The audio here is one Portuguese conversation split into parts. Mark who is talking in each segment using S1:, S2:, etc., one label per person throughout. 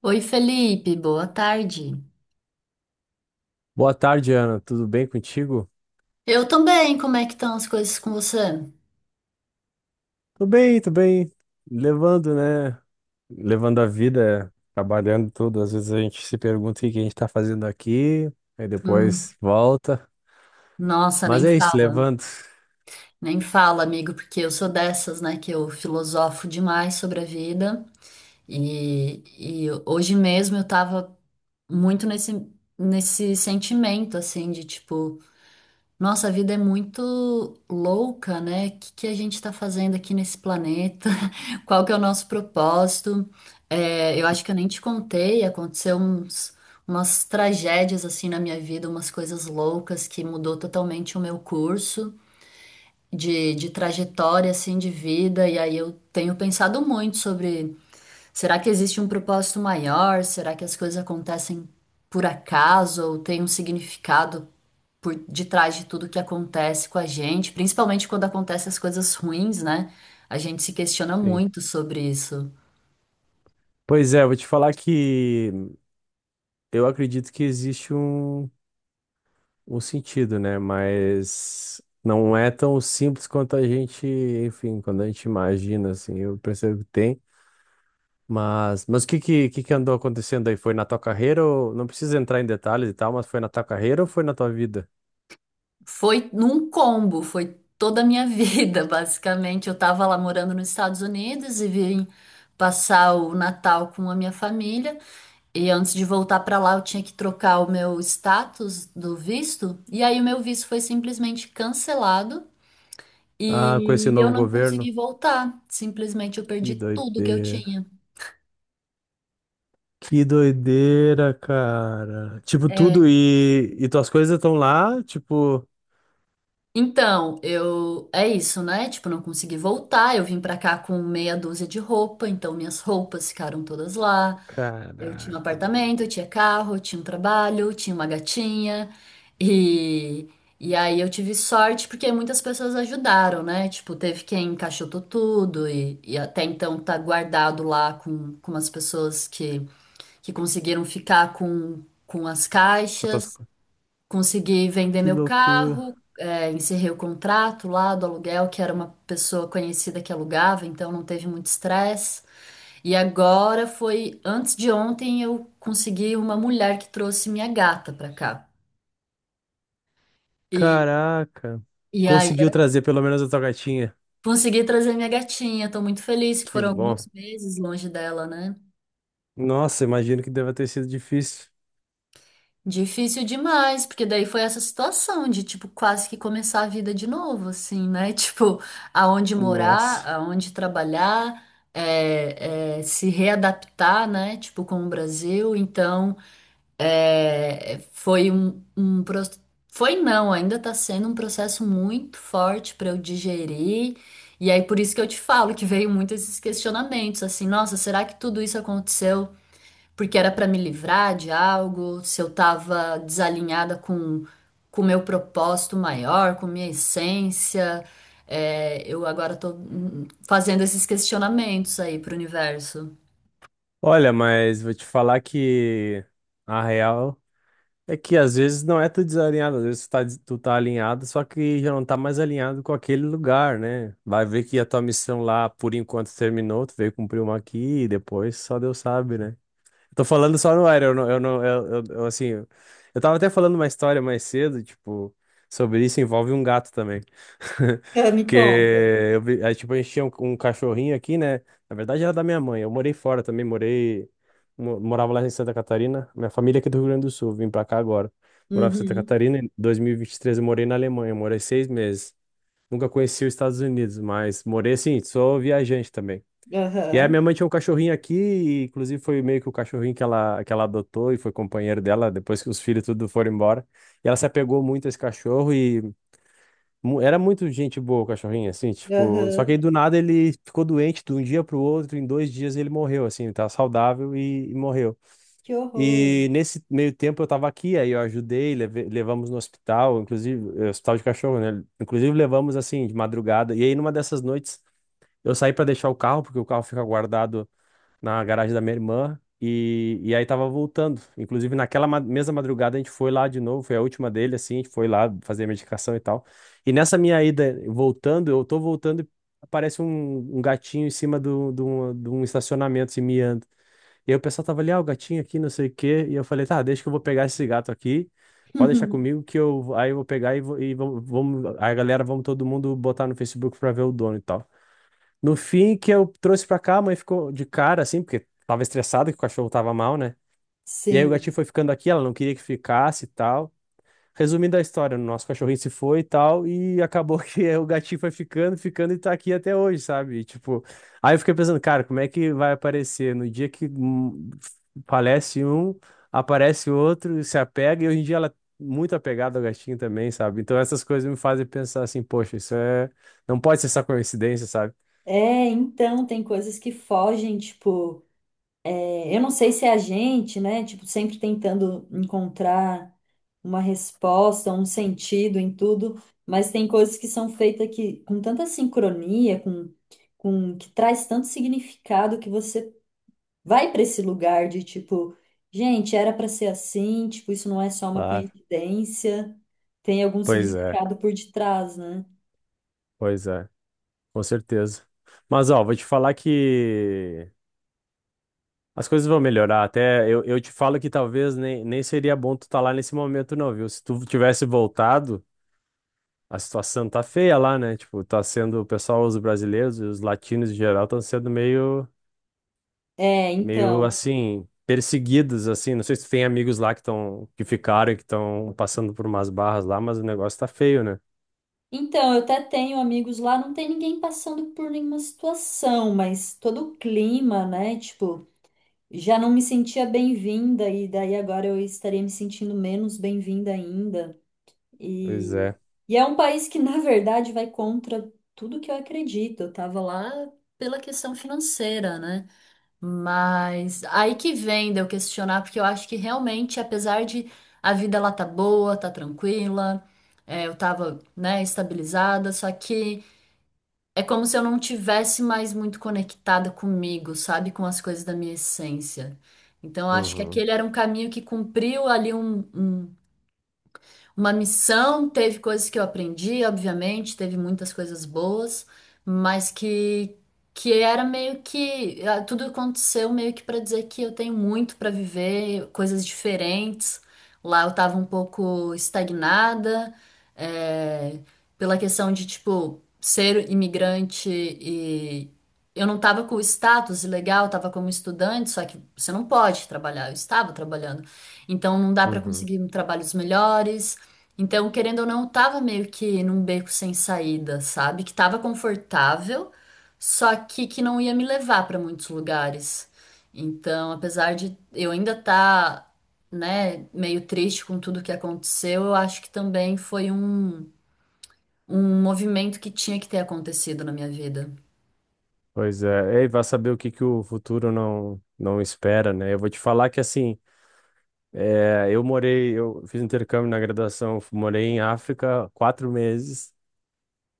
S1: Oi, Felipe, boa tarde.
S2: Boa tarde, Ana. Tudo bem contigo?
S1: Eu também, como é que estão as coisas com você?
S2: Tô bem, tô bem. Levando, né? Levando a vida, trabalhando tudo. Às vezes a gente se pergunta o que que a gente tá fazendo aqui, aí
S1: Hum,
S2: depois volta.
S1: nossa,
S2: Mas
S1: nem
S2: é isso,
S1: fala,
S2: levando.
S1: nem fala, amigo, porque eu sou dessas, né, que eu filosofo demais sobre a vida e, e hoje mesmo eu tava muito nesse sentimento, assim, de tipo, nossa, a vida é muito louca, né? O que que a gente tá fazendo aqui nesse planeta? Qual que é o nosso propósito? É, eu acho que eu nem te contei, aconteceu umas tragédias assim na minha vida, umas coisas loucas que mudou totalmente o meu curso de trajetória assim de vida. E aí eu tenho pensado muito sobre, será que existe um propósito maior? Será que as coisas acontecem por acaso ou tem um significado por detrás de tudo que acontece com a gente, principalmente quando acontecem as coisas ruins, né? A gente se questiona
S2: Sim.
S1: muito sobre isso.
S2: Pois é, vou te falar que eu acredito que existe um sentido, né? Mas não é tão simples quanto a gente, enfim, quando a gente imagina, assim, eu percebo que tem. Mas o que que andou acontecendo aí? Foi na tua carreira ou... Não precisa entrar em detalhes e tal, mas foi na tua carreira ou foi na tua vida?
S1: Foi num combo, foi toda a minha vida, basicamente. Eu tava lá morando nos Estados Unidos e vim passar o Natal com a minha família. E antes de voltar pra lá, eu tinha que trocar o meu status do visto. E aí o meu visto foi simplesmente cancelado
S2: Ah, com esse
S1: e eu
S2: novo
S1: não
S2: governo?
S1: consegui voltar. Simplesmente eu
S2: Que
S1: perdi tudo que eu
S2: doideira.
S1: tinha.
S2: Que doideira, cara. Tipo, tudo
S1: É.
S2: e tuas coisas estão lá, tipo...
S1: Então, eu é isso, né? Tipo, não consegui voltar. Eu vim pra cá com meia dúzia de roupa, então minhas roupas ficaram todas lá. Eu tinha um
S2: Caraca, mano.
S1: apartamento, eu tinha carro, eu tinha um trabalho, eu tinha uma gatinha. E, e aí eu tive sorte porque muitas pessoas ajudaram, né? Tipo, teve quem encaixotou tudo e até então tá guardado lá com as pessoas que conseguiram ficar com as
S2: Com tuas
S1: caixas.
S2: co-
S1: Consegui vender
S2: Que
S1: meu
S2: loucura.
S1: carro, é, encerrei o contrato lá do aluguel, que era uma pessoa conhecida que alugava, então não teve muito estresse. E agora foi antes de ontem eu consegui uma mulher que trouxe minha gata pra cá. E,
S2: Caraca.
S1: e aí
S2: Conseguiu trazer pelo menos a tua gatinha.
S1: consegui trazer minha gatinha. Tô muito feliz que
S2: Que
S1: foram
S2: bom.
S1: alguns meses longe dela, né?
S2: Nossa, imagino que deva ter sido difícil.
S1: Difícil demais, porque daí foi essa situação de tipo quase que começar a vida de novo, assim, né? Tipo, aonde morar,
S2: Nossa.
S1: aonde trabalhar, se readaptar, né? Tipo, com o Brasil. Então. Um foi não, ainda está sendo um processo muito forte para eu digerir. E aí por isso que eu te falo que veio muito esses questionamentos, assim, nossa, será que tudo isso aconteceu porque era para me livrar de algo? Se eu estava desalinhada com o meu propósito maior, com minha essência? É, eu agora estou fazendo esses questionamentos aí para o universo.
S2: Olha, mas vou te falar que a real é que às vezes não é tu desalinhado, às vezes tu tá alinhado, só que já não tá mais alinhado com aquele lugar, né? Vai ver que a tua missão lá, por enquanto, terminou, tu veio cumprir uma aqui e depois só Deus sabe, né? Tô falando só no ar, eu não, eu não, eu, assim, eu tava até falando uma história mais cedo, tipo, sobre isso, envolve um gato também.
S1: Ah, me
S2: Que
S1: conta.
S2: eu vi, aí, tipo, a gente tinha um cachorrinho aqui, né? Na verdade era da minha mãe, eu morei fora também, morava lá em Santa Catarina, minha família é aqui do Rio Grande do Sul, vim pra cá agora. Morava em Santa
S1: Uhum,
S2: Catarina, em 2023 eu morei na Alemanha, morei seis meses. Nunca conheci os Estados Unidos, mas morei assim, sou viajante também. E aí, minha
S1: aham,
S2: mãe tinha um cachorrinho aqui, e inclusive foi meio que o cachorrinho que ela adotou e foi companheiro dela depois que os filhos tudo foram embora. E ela se apegou muito a esse cachorro e era muito gente boa o cachorrinho, assim, tipo. Só que
S1: aham.
S2: aí do nada ele ficou doente de um dia pro outro, em dois dias ele morreu, assim, ele tava saudável e morreu.
S1: Que horror.
S2: E nesse meio tempo eu tava aqui, aí eu ajudei, levamos no hospital, inclusive, é, hospital de cachorro, né? Inclusive levamos assim, de madrugada. E aí numa dessas noites. Eu saí para deixar o carro, porque o carro fica guardado na garagem da minha irmã. E aí tava voltando. Inclusive, naquela mesma madrugada, a gente foi lá de novo. Foi a última dele, assim. A gente foi lá fazer a medicação e tal. E nessa minha ida voltando, eu tô voltando e aparece um gatinho em cima de um estacionamento, assim, miando. E aí o pessoal tava ali, ah, o gatinho aqui, não sei o quê. E eu falei, tá, deixa que eu vou pegar esse gato aqui. Pode deixar comigo que eu aí eu vou pegar e vamos, vamos. Aí a galera, vamos todo mundo botar no Facebook pra ver o dono e tal. No fim, que eu trouxe pra cá, a mãe ficou de cara, assim, porque tava estressada que o cachorro tava mal, né? E aí o gatinho
S1: Sim.
S2: foi ficando aqui, ela não queria que ficasse e tal. Resumindo a história, o nosso cachorrinho se foi e tal, e acabou que o gatinho foi ficando, ficando e tá aqui até hoje, sabe? E, tipo, aí eu fiquei pensando, cara, como é que vai aparecer? No dia que falece um, aparece outro, se apega, e hoje em dia ela é muito apegada ao gatinho também, sabe? Então essas coisas me fazem pensar assim, poxa, isso é. Não pode ser só coincidência, sabe?
S1: É, então, tem coisas que fogem, tipo, é, eu não sei se é a gente, né? Tipo, sempre tentando encontrar uma resposta, um sentido em tudo, mas tem coisas que são feitas que, com tanta sincronia, com que traz tanto significado que você vai para esse lugar de tipo, gente, era para ser assim, tipo, isso não é só uma
S2: Claro.
S1: coincidência, tem algum
S2: Pois é,
S1: significado por detrás, né?
S2: pois é, com certeza. Mas ó, vou te falar que as coisas vão melhorar. Até eu te falo que talvez nem seria bom tu estar lá nesse momento, não, viu? Se tu tivesse voltado, a situação tá feia lá, né? Tipo, tá sendo, o pessoal, os brasileiros e os latinos em geral estão sendo meio,
S1: É,
S2: meio
S1: então.
S2: assim, perseguidos, assim. Não sei se tu tem amigos lá que estão, que ficaram, e que estão passando por umas barras lá, mas o negócio tá feio, né?
S1: Então, eu até tenho amigos lá, não tem ninguém passando por nenhuma situação, mas todo o clima, né? Tipo, já não me sentia bem-vinda, e daí agora eu estaria me sentindo menos bem-vinda ainda.
S2: Pois
S1: E,
S2: é.
S1: e é um país que, na verdade, vai contra tudo que eu acredito. Eu tava lá pela questão financeira, né? Mas aí que vem de eu questionar, porque eu acho que realmente, apesar de a vida lá tá boa, tá tranquila, é, eu tava, né, estabilizada, só que é como se eu não tivesse mais muito conectada comigo, sabe, com as coisas da minha essência. Então, eu acho que
S2: Uhum,
S1: aquele era um caminho que cumpriu ali uma missão, teve coisas que eu aprendi, obviamente, teve muitas coisas boas, mas que era meio que ah, tudo aconteceu meio que para dizer que eu tenho muito para viver, coisas diferentes. Lá eu tava um pouco estagnada, é, pela questão de tipo ser imigrante e eu não tava com o status legal, eu tava como estudante, só que você não pode trabalhar, eu estava trabalhando. Então não dá para
S2: uhum.
S1: conseguir trabalhos melhores. Então, querendo ou não, eu tava meio que num beco sem saída, sabe? Que tava confortável, só que não ia me levar pra muitos lugares. Então, apesar de eu ainda tá, né, meio triste com tudo que aconteceu, eu acho que também foi um movimento que tinha que ter acontecido na minha vida.
S2: Pois é, e vai saber o que que o futuro não espera, né? Eu vou te falar que assim, eu morei, eu fiz intercâmbio na graduação, morei em África quatro meses,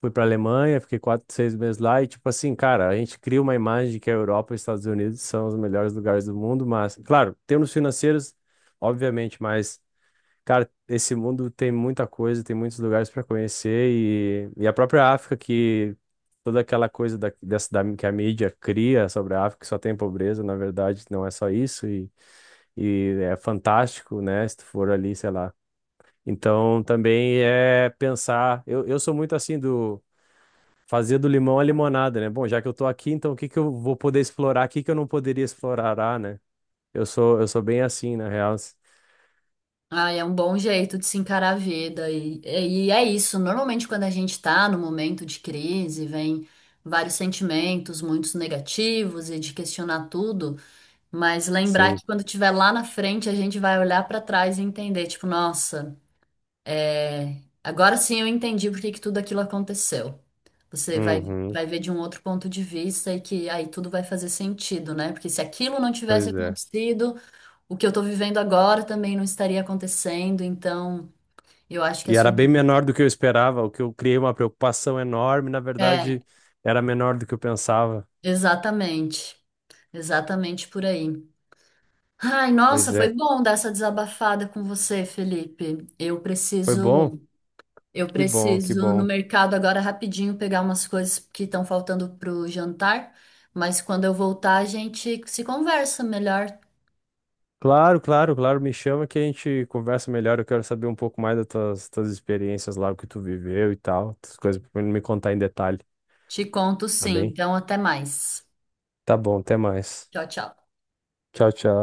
S2: fui para Alemanha, fiquei quatro, seis meses lá e tipo assim, cara, a gente cria uma imagem de que a Europa e os Estados Unidos são os melhores lugares do mundo, mas claro, termos financeiros, obviamente, mas cara, esse mundo tem muita coisa, tem muitos lugares para conhecer e a própria África que toda aquela coisa da que a mídia cria sobre a África, que só tem pobreza, na verdade não é só isso e é fantástico, né? Se tu for ali, sei lá. Então também é pensar, eu sou muito assim do fazer do limão a limonada, né? Bom, já que eu tô aqui, então o que que eu vou poder explorar, o que que eu não poderia explorar, né? Eu sou bem assim, na real.
S1: Ah, é um bom jeito de se encarar a vida. E é isso. Normalmente, quando a gente está no momento de crise, vem vários sentimentos, muitos negativos e de questionar tudo. Mas lembrar
S2: Sim.
S1: que quando estiver lá na frente, a gente vai olhar para trás e entender, tipo, nossa, é, agora sim eu entendi por que que tudo aquilo aconteceu. Você
S2: Uhum.
S1: vai ver de um outro ponto de vista e que aí tudo vai fazer sentido, né? Porque se aquilo não tivesse
S2: Pois é.
S1: acontecido o que eu tô vivendo agora também não estaria acontecendo, então eu acho que é
S2: E era
S1: sobre
S2: bem
S1: isso.
S2: menor do que eu esperava, o que eu criei uma preocupação enorme, na
S1: É,
S2: verdade, era menor do que eu pensava.
S1: exatamente. Exatamente por aí. Ai, nossa,
S2: Pois
S1: foi
S2: é,
S1: bom dar essa desabafada com você, Felipe.
S2: foi bom?
S1: Eu
S2: Que bom, que
S1: preciso no
S2: bom.
S1: mercado agora rapidinho pegar umas coisas que estão faltando pro jantar, mas quando eu voltar a gente se conversa melhor.
S2: Claro, claro, claro, me chama que a gente conversa melhor, eu quero saber um pouco mais das tuas experiências lá, o que tu viveu e tal, essas coisas, pra me contar em detalhe,
S1: Te conto
S2: tá
S1: sim.
S2: bem?
S1: Então, até mais.
S2: Tá bom, até mais.
S1: Tchau, tchau.
S2: Tchau, tchau.